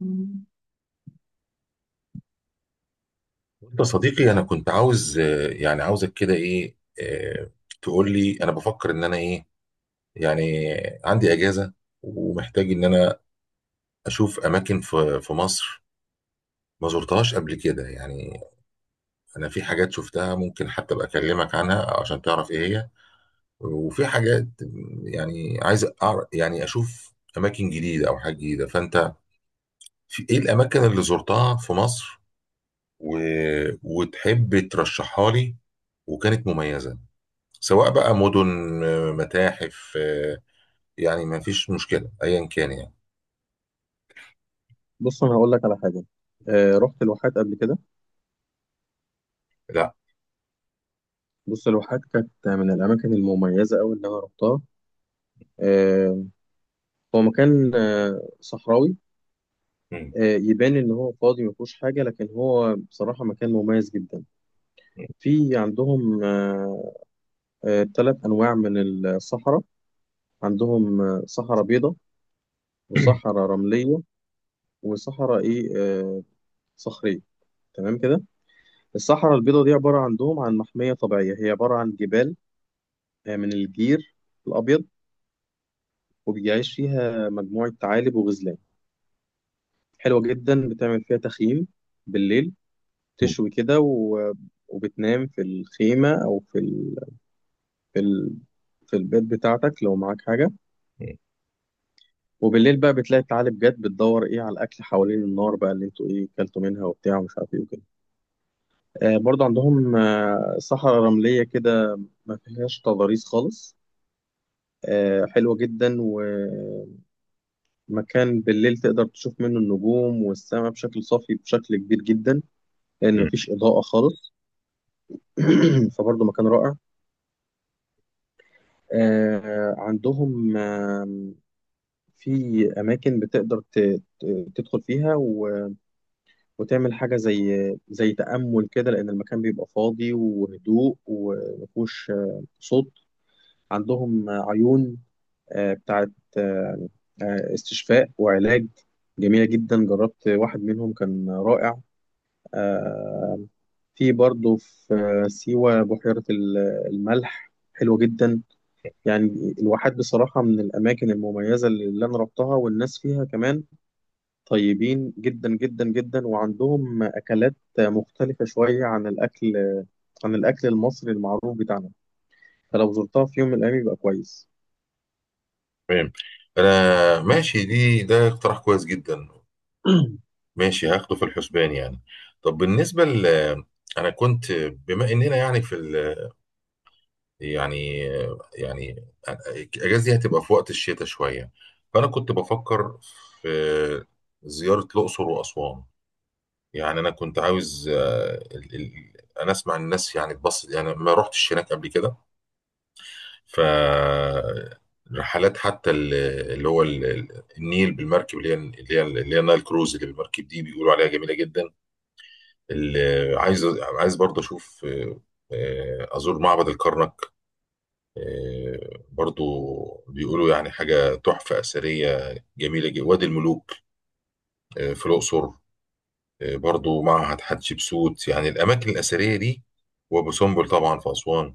مم. انت صديقي انا كنت عاوز يعني عاوزك كده ايه آه، تقول لي انا بفكر ان انا ايه يعني عندي اجازه ومحتاج ان انا اشوف اماكن في مصر ما زرتهاش قبل كده يعني. انا في حاجات شفتها ممكن حتى ابقى اكلمك عنها عشان تعرف ايه هي، وفي حاجات يعني عايز أعرف، يعني اشوف اماكن جديده او حاجه جديده. فانت في ايه الاماكن اللي زرتها في مصر و... وتحب ترشحها لي وكانت مميزه، سواء بقى مدن، متاحف، يعني ما فيش مشكلة ايا كان يعني. بص انا هقول لك على حاجه. رحت الواحات قبل كده. لا. بص، الواحات كانت من الاماكن المميزه قوي اللي انا رحتها. آه هو مكان صحراوي. م- يبان ان هو فاضي ما فيهوش حاجه، لكن هو بصراحه مكان مميز جدا. في عندهم ثلاث آه آه تلات انواع من الصحراء. عندهم صحراء بيضاء، وصحراء رمليه، وصحراء ايه آه صخريه. تمام كده. الصحراء البيضاء دي عباره عندهم عن محميه طبيعيه، هي عباره عن جبال من الجير الابيض، وبيعيش فيها مجموعة ثعالب وغزلان. حلوة جدا، بتعمل فيها تخييم بالليل، م- تشوي كده، وبتنام في الخيمة أو في ال... في البيت بتاعتك لو معاك حاجة. وبالليل بقى بتلاقي الثعالب جت بتدور إيه على الأكل حوالين النار بقى، اللي أنتوا إيه كلتوا منها وبتاع، ومش عارف إيه وكده. برضه عندهم صحراء رملية كده، ما فيهاش تضاريس خالص. حلوة جدا، ومكان بالليل تقدر تشوف منه النجوم والسماء بشكل صافي، بشكل كبير جدا، لأن م- مفيش إضاءة خالص. فبرضه مكان رائع. آه، عندهم آه، في أماكن بتقدر تدخل فيها وتعمل حاجة زي تأمل كده، لأن المكان بيبقى فاضي وهدوء ومفهوش صوت. عندهم عيون آه، بتاعت آه، آه، استشفاء وعلاج، جميلة جدا. جربت واحد منهم كان رائع. آه، في برضه في سيوة بحيرة الملح حلوة جدا. يعني الواحات بصراحة من الأماكن المميزة اللي أنا رحتها، والناس فيها كمان طيبين جدا جدا جدا، وعندهم أكلات مختلفة شوية عن الأكل، عن الأكل المصري المعروف بتاعنا. فلو زرتها في يوم من الأيام يبقى كويس. تمام. انا ماشي، دي ده اقتراح كويس جدا. ماشي، هاخده في الحسبان يعني. طب بالنسبة انا كنت، بما اننا يعني يعني يعني الاجازة دي هتبقى في وقت الشتاء شوية، فانا كنت بفكر في زيارة الاقصر واسوان. يعني انا كنت عاوز انا اسمع الناس يعني اتبسط، يعني ما رحتش هناك قبل كده. ف رحلات اللي هو النيل بالمركب، اللي هي نايل كروز اللي بالمركب دي، بيقولوا عليها جميله جدا. اللي، عايز عايز برضه اشوف ازور معبد الكرنك، برضه بيقولوا يعني حاجه تحفه اثريه جميله جدا، وادي الملوك في الاقصر، برضو معهد حتشبسوت، يعني الأماكن الأثرية دي، وأبو سمبل طبعا في أسوان.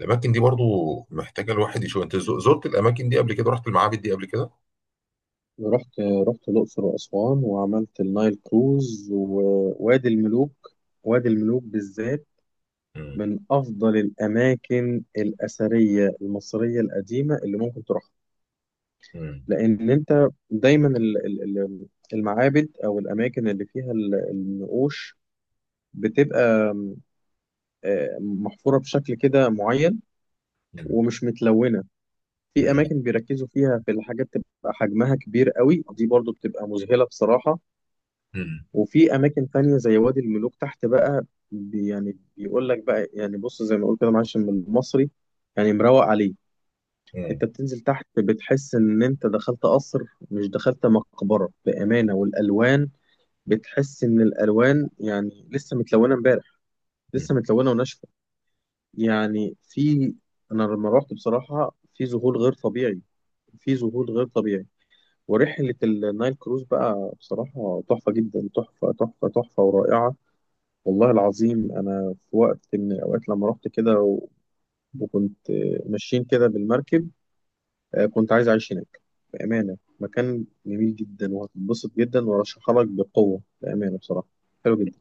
الأماكن دي برضو محتاجة الواحد يشوف. أنت زرت الأماكن دي قبل كده، رحت المعابد دي قبل كده؟ رحت رحت الأقصر وأسوان، وعملت النايل كروز ووادي الملوك. وادي الملوك بالذات مم. من أفضل الأماكن الأثرية المصرية القديمة اللي ممكن تروحها. مم. لان انت دايما المعابد او الاماكن اللي فيها النقوش بتبقى محفوره بشكل كده معين، مم. ومش متلونه. في مم. اماكن بيركزوا فيها في الحاجات تبقى حجمها كبير قوي، دي برضو بتبقى مذهله بصراحه. مم. وفي اماكن تانية زي وادي الملوك تحت بقى، يعني بيقول لك بقى، يعني بص زي ما بقول كده، معلش بالمصري، يعني مروق عليه. مم. انت بتنزل تحت بتحس ان انت دخلت قصر، مش دخلت مقبره، بامانه. والالوان بتحس ان الالوان يعني لسه متلونه امبارح، لسه مم. متلونه وناشفه. يعني في، انا لما روحت بصراحه في ذهول غير طبيعي، في ذهول غير طبيعي. ورحله النايل كروز بقى بصراحه تحفه جدا، تحفه تحفه تحفه ورائعه. والله العظيم انا في وقت من الاوقات لما رحت كده وكنت ماشيين كده بالمركب، كنت عايز اعيش هناك بامانه. مكان جميل جدا وهتتبسط جدا، وارشحها لك بقوه بامانه بصراحه. حلو جدا.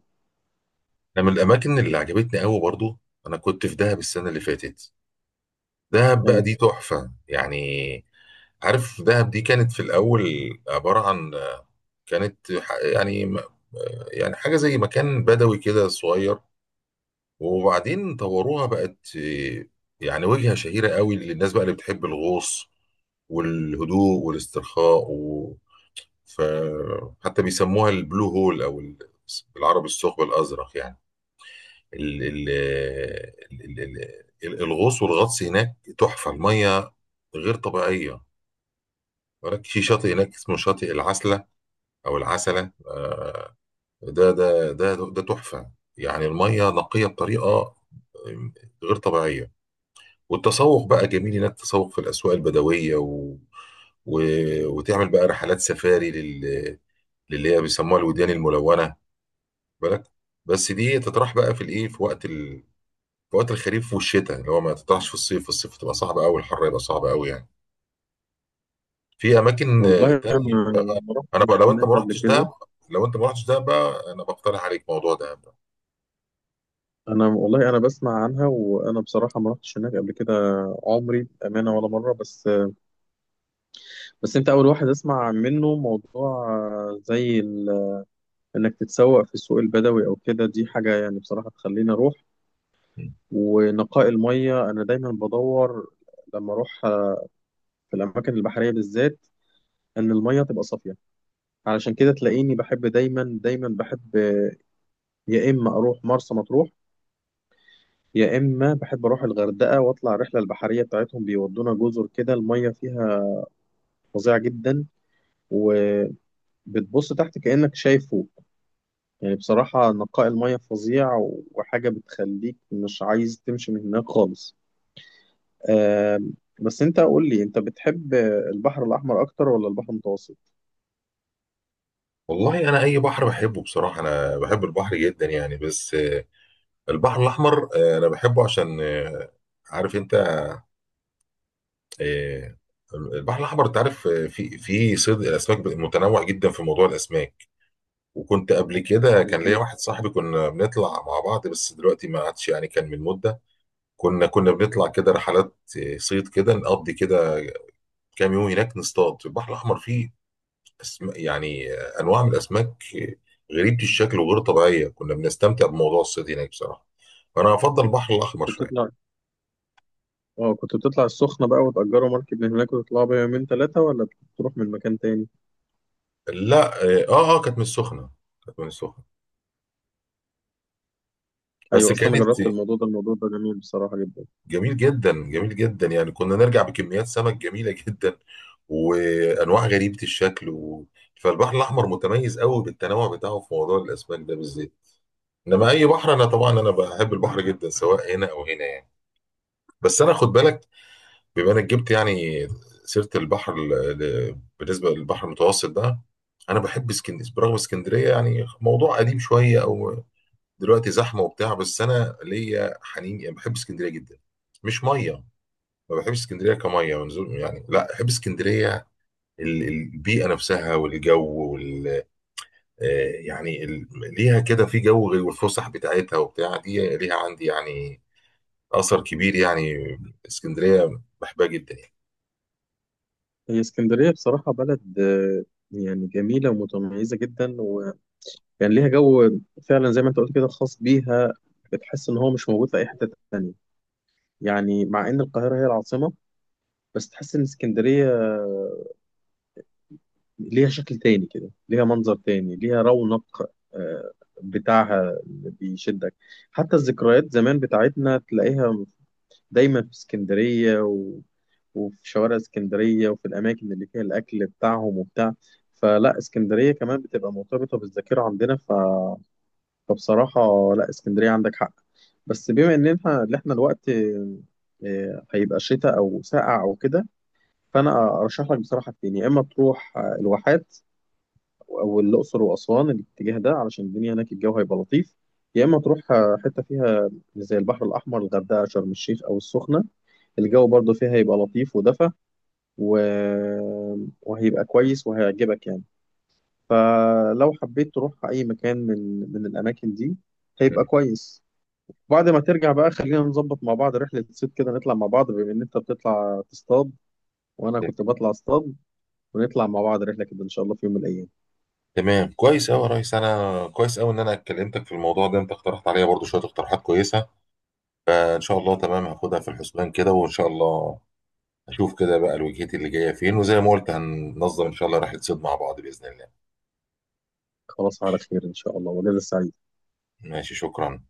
أنا من الأماكن اللي عجبتني قوي برضو، أنا كنت في دهب السنة اللي فاتت. دهب بقى أيوة. دي تحفة يعني. عارف، دهب دي كانت في الأول عبارة عن، كانت يعني حاجة زي مكان بدوي كده صغير، وبعدين طوروها بقت إيه، يعني وجهة شهيرة قوي للناس بقى اللي بتحب الغوص والهدوء والاسترخاء ف... حتى بيسموها البلو هول او بالعربي الثقب الازرق يعني. ال... ال... ال... ال... الغوص والغطس هناك تحفة، المية غير طبيعية. هناك في شاطئ هناك اسمه شاطئ العسلة او العسلة، ده تحفة يعني. المية نقية بطريقة غير طبيعية. والتسوق بقى جميل انك تسوق في الاسواق البدويه و... وتعمل بقى رحلات سفاري للي هي بيسموها الوديان الملونه، بالك. بس دي تطرح بقى في الايه، في وقت الخريف والشتاء، اللي هو ما تطرحش في الصيف. الصيف تبقى صعبه قوي، الحر يبقى صعب قوي يعني. في اماكن والله تانية. انا ما انا بقى، رحتش لو انت هناك ما قبل رحتش كده. دهب، بقى انا بقترح عليك موضوع دهب ده. انا والله انا بسمع عنها، وانا بصراحه ما رحتش هناك قبل كده عمري، بامانه، ولا مره. بس بس انت اول واحد اسمع منه موضوع زي انك تتسوق في السوق البدوي او كده، دي حاجه يعني بصراحه تخليني اروح. ونقاء الميه، انا دايما بدور لما اروح في الاماكن البحريه بالذات ان الميه تبقى صافيه. علشان كده تلاقيني بحب دايما، دايما بحب يا اما اروح مرسى مطروح، يا اما بحب اروح الغردقه واطلع الرحله البحريه بتاعتهم، بيودونا جزر كده الميه فيها فظيعه جدا، وبتبص تحت كانك شايف فوق. يعني بصراحه نقاء الميه فظيع، وحاجه بتخليك مش عايز تمشي من هناك خالص. آم، بس انت قول لي، انت بتحب البحر الاحمر اكتر ولا البحر المتوسط؟ والله انا اي بحر بحبه بصراحه، انا بحب البحر جدا يعني، بس البحر الاحمر انا بحبه عشان عارف انت، آه، البحر الأحمر أنت عارف، في صيد الأسماك متنوع جدا، في موضوع الأسماك. وكنت قبل كده كان ليا مظبوط. واحد صاحبي كنا بنطلع مع بعض، بس دلوقتي ما عادش يعني، كان من مدة. كنا بنطلع كده رحلات صيد كده، نقضي كده كام يوم هناك نصطاد في البحر الأحمر. فيه يعني أنواع من الأسماك غريبة الشكل وغير طبيعية، كنا بنستمتع بموضوع الصيد هناك بصراحة. فأنا أفضل البحر الأحمر كنت شوية. بتطلع، اه كنت بتطلع السخنه بقى وتأجروا مركب من هناك وتطلعوا بيها يومين ثلاثه، ولا بتروح من مكان تاني؟ لا كانت من السخنة، كانت من السخنة. بس ايوه، اصلا أنا كانت جربت الموضوع ده، الموضوع ده جميل بصراحه جدا. جميل جدا، جميل جدا يعني. كنا نرجع بكميات سمك جميلة جدا وأنواع غريبة الشكل فالبحر الأحمر متميز قوي بالتنوع بتاعه في موضوع الأسماك ده بالذات. إنما أي بحر، أنا طبعا، أنا بحب البحر جدا سواء هنا أو هنا يعني. بس أنا خد بالك، بما إنك جبت يعني سيرة البحر، بالنسبة للبحر المتوسط ده، أنا بحب اسكندرية. برغم اسكندرية يعني موضوع قديم شوية أو دلوقتي زحمة وبتاع، بس أنا ليا حنين يعني، بحب اسكندرية جدا. مش مية. ما بحبش اسكندريه كميه ونزول يعني، لا بحب اسكندريه، البيئه نفسها والجو وال آه، يعني ليها كده في جو غير، والفسح بتاعتها وبتاع دي ليها عندي يعني اثر كبير يعني. اسكندريه بحبها جدا يعني. هي اسكندرية بصراحة بلد يعني جميلة ومتميزة جدا، وكان ليها جو فعلا زي ما انت قلت كده خاص بيها، بتحس ان هو مش موجود في اي حتة تانية. يعني مع ان القاهرة هي العاصمة، بس تحس ان اسكندرية ليها شكل تاني كده، ليها منظر تاني، ليها رونق آه، بتاعها اللي بيشدك. حتى الذكريات زمان بتاعتنا تلاقيها دايما في اسكندرية، وفي شوارع اسكندرية، وفي الأماكن اللي فيها الأكل بتاعهم وبتاع. فلا، اسكندرية كمان بتبقى مرتبطة بالذاكرة عندنا، فبصراحة لا، اسكندرية عندك حق. بس بما إن إحنا اللي إحنا الوقت هيبقى شتاء أو ساقع أو كده، فأنا أرشح لك بصراحة اتنين، يا إما تروح الواحات، أو الأقصر وأسوان، الاتجاه ده علشان الدنيا هناك الجو هيبقى لطيف، يا إما تروح حتة فيها زي البحر الأحمر، الغردقة، شرم الشيخ أو السخنة، الجو برضو فيها هيبقى لطيف ودفى، و... وهيبقى كويس وهيعجبك يعني. فلو حبيت تروح أي مكان من الأماكن دي هيبقى كويس. بعد ما ترجع بقى خلينا نظبط مع بعض رحلة صيد كده، نطلع مع بعض، بما إن أنت بتطلع تصطاد وأنا مم. كنت بطلع اصطاد، ونطلع مع بعض رحلة كده إن شاء الله في يوم من الأيام. تمام، كويس قوي يا ريس، انا كويس قوي ان انا كلمتك في الموضوع ده. انت اقترحت عليا برضو شويه اقتراحات كويسه، ان شاء الله تمام، هاخدها في الحسبان كده، وان شاء الله اشوف كده بقى الوجهات اللي جايه فين، وزي ما قلت هننظم ان شاء الله رحله صيد مع بعض باذن الله. خلاص، على خير إن شاء الله، وليلة سعيدة. ماشي، شكرا.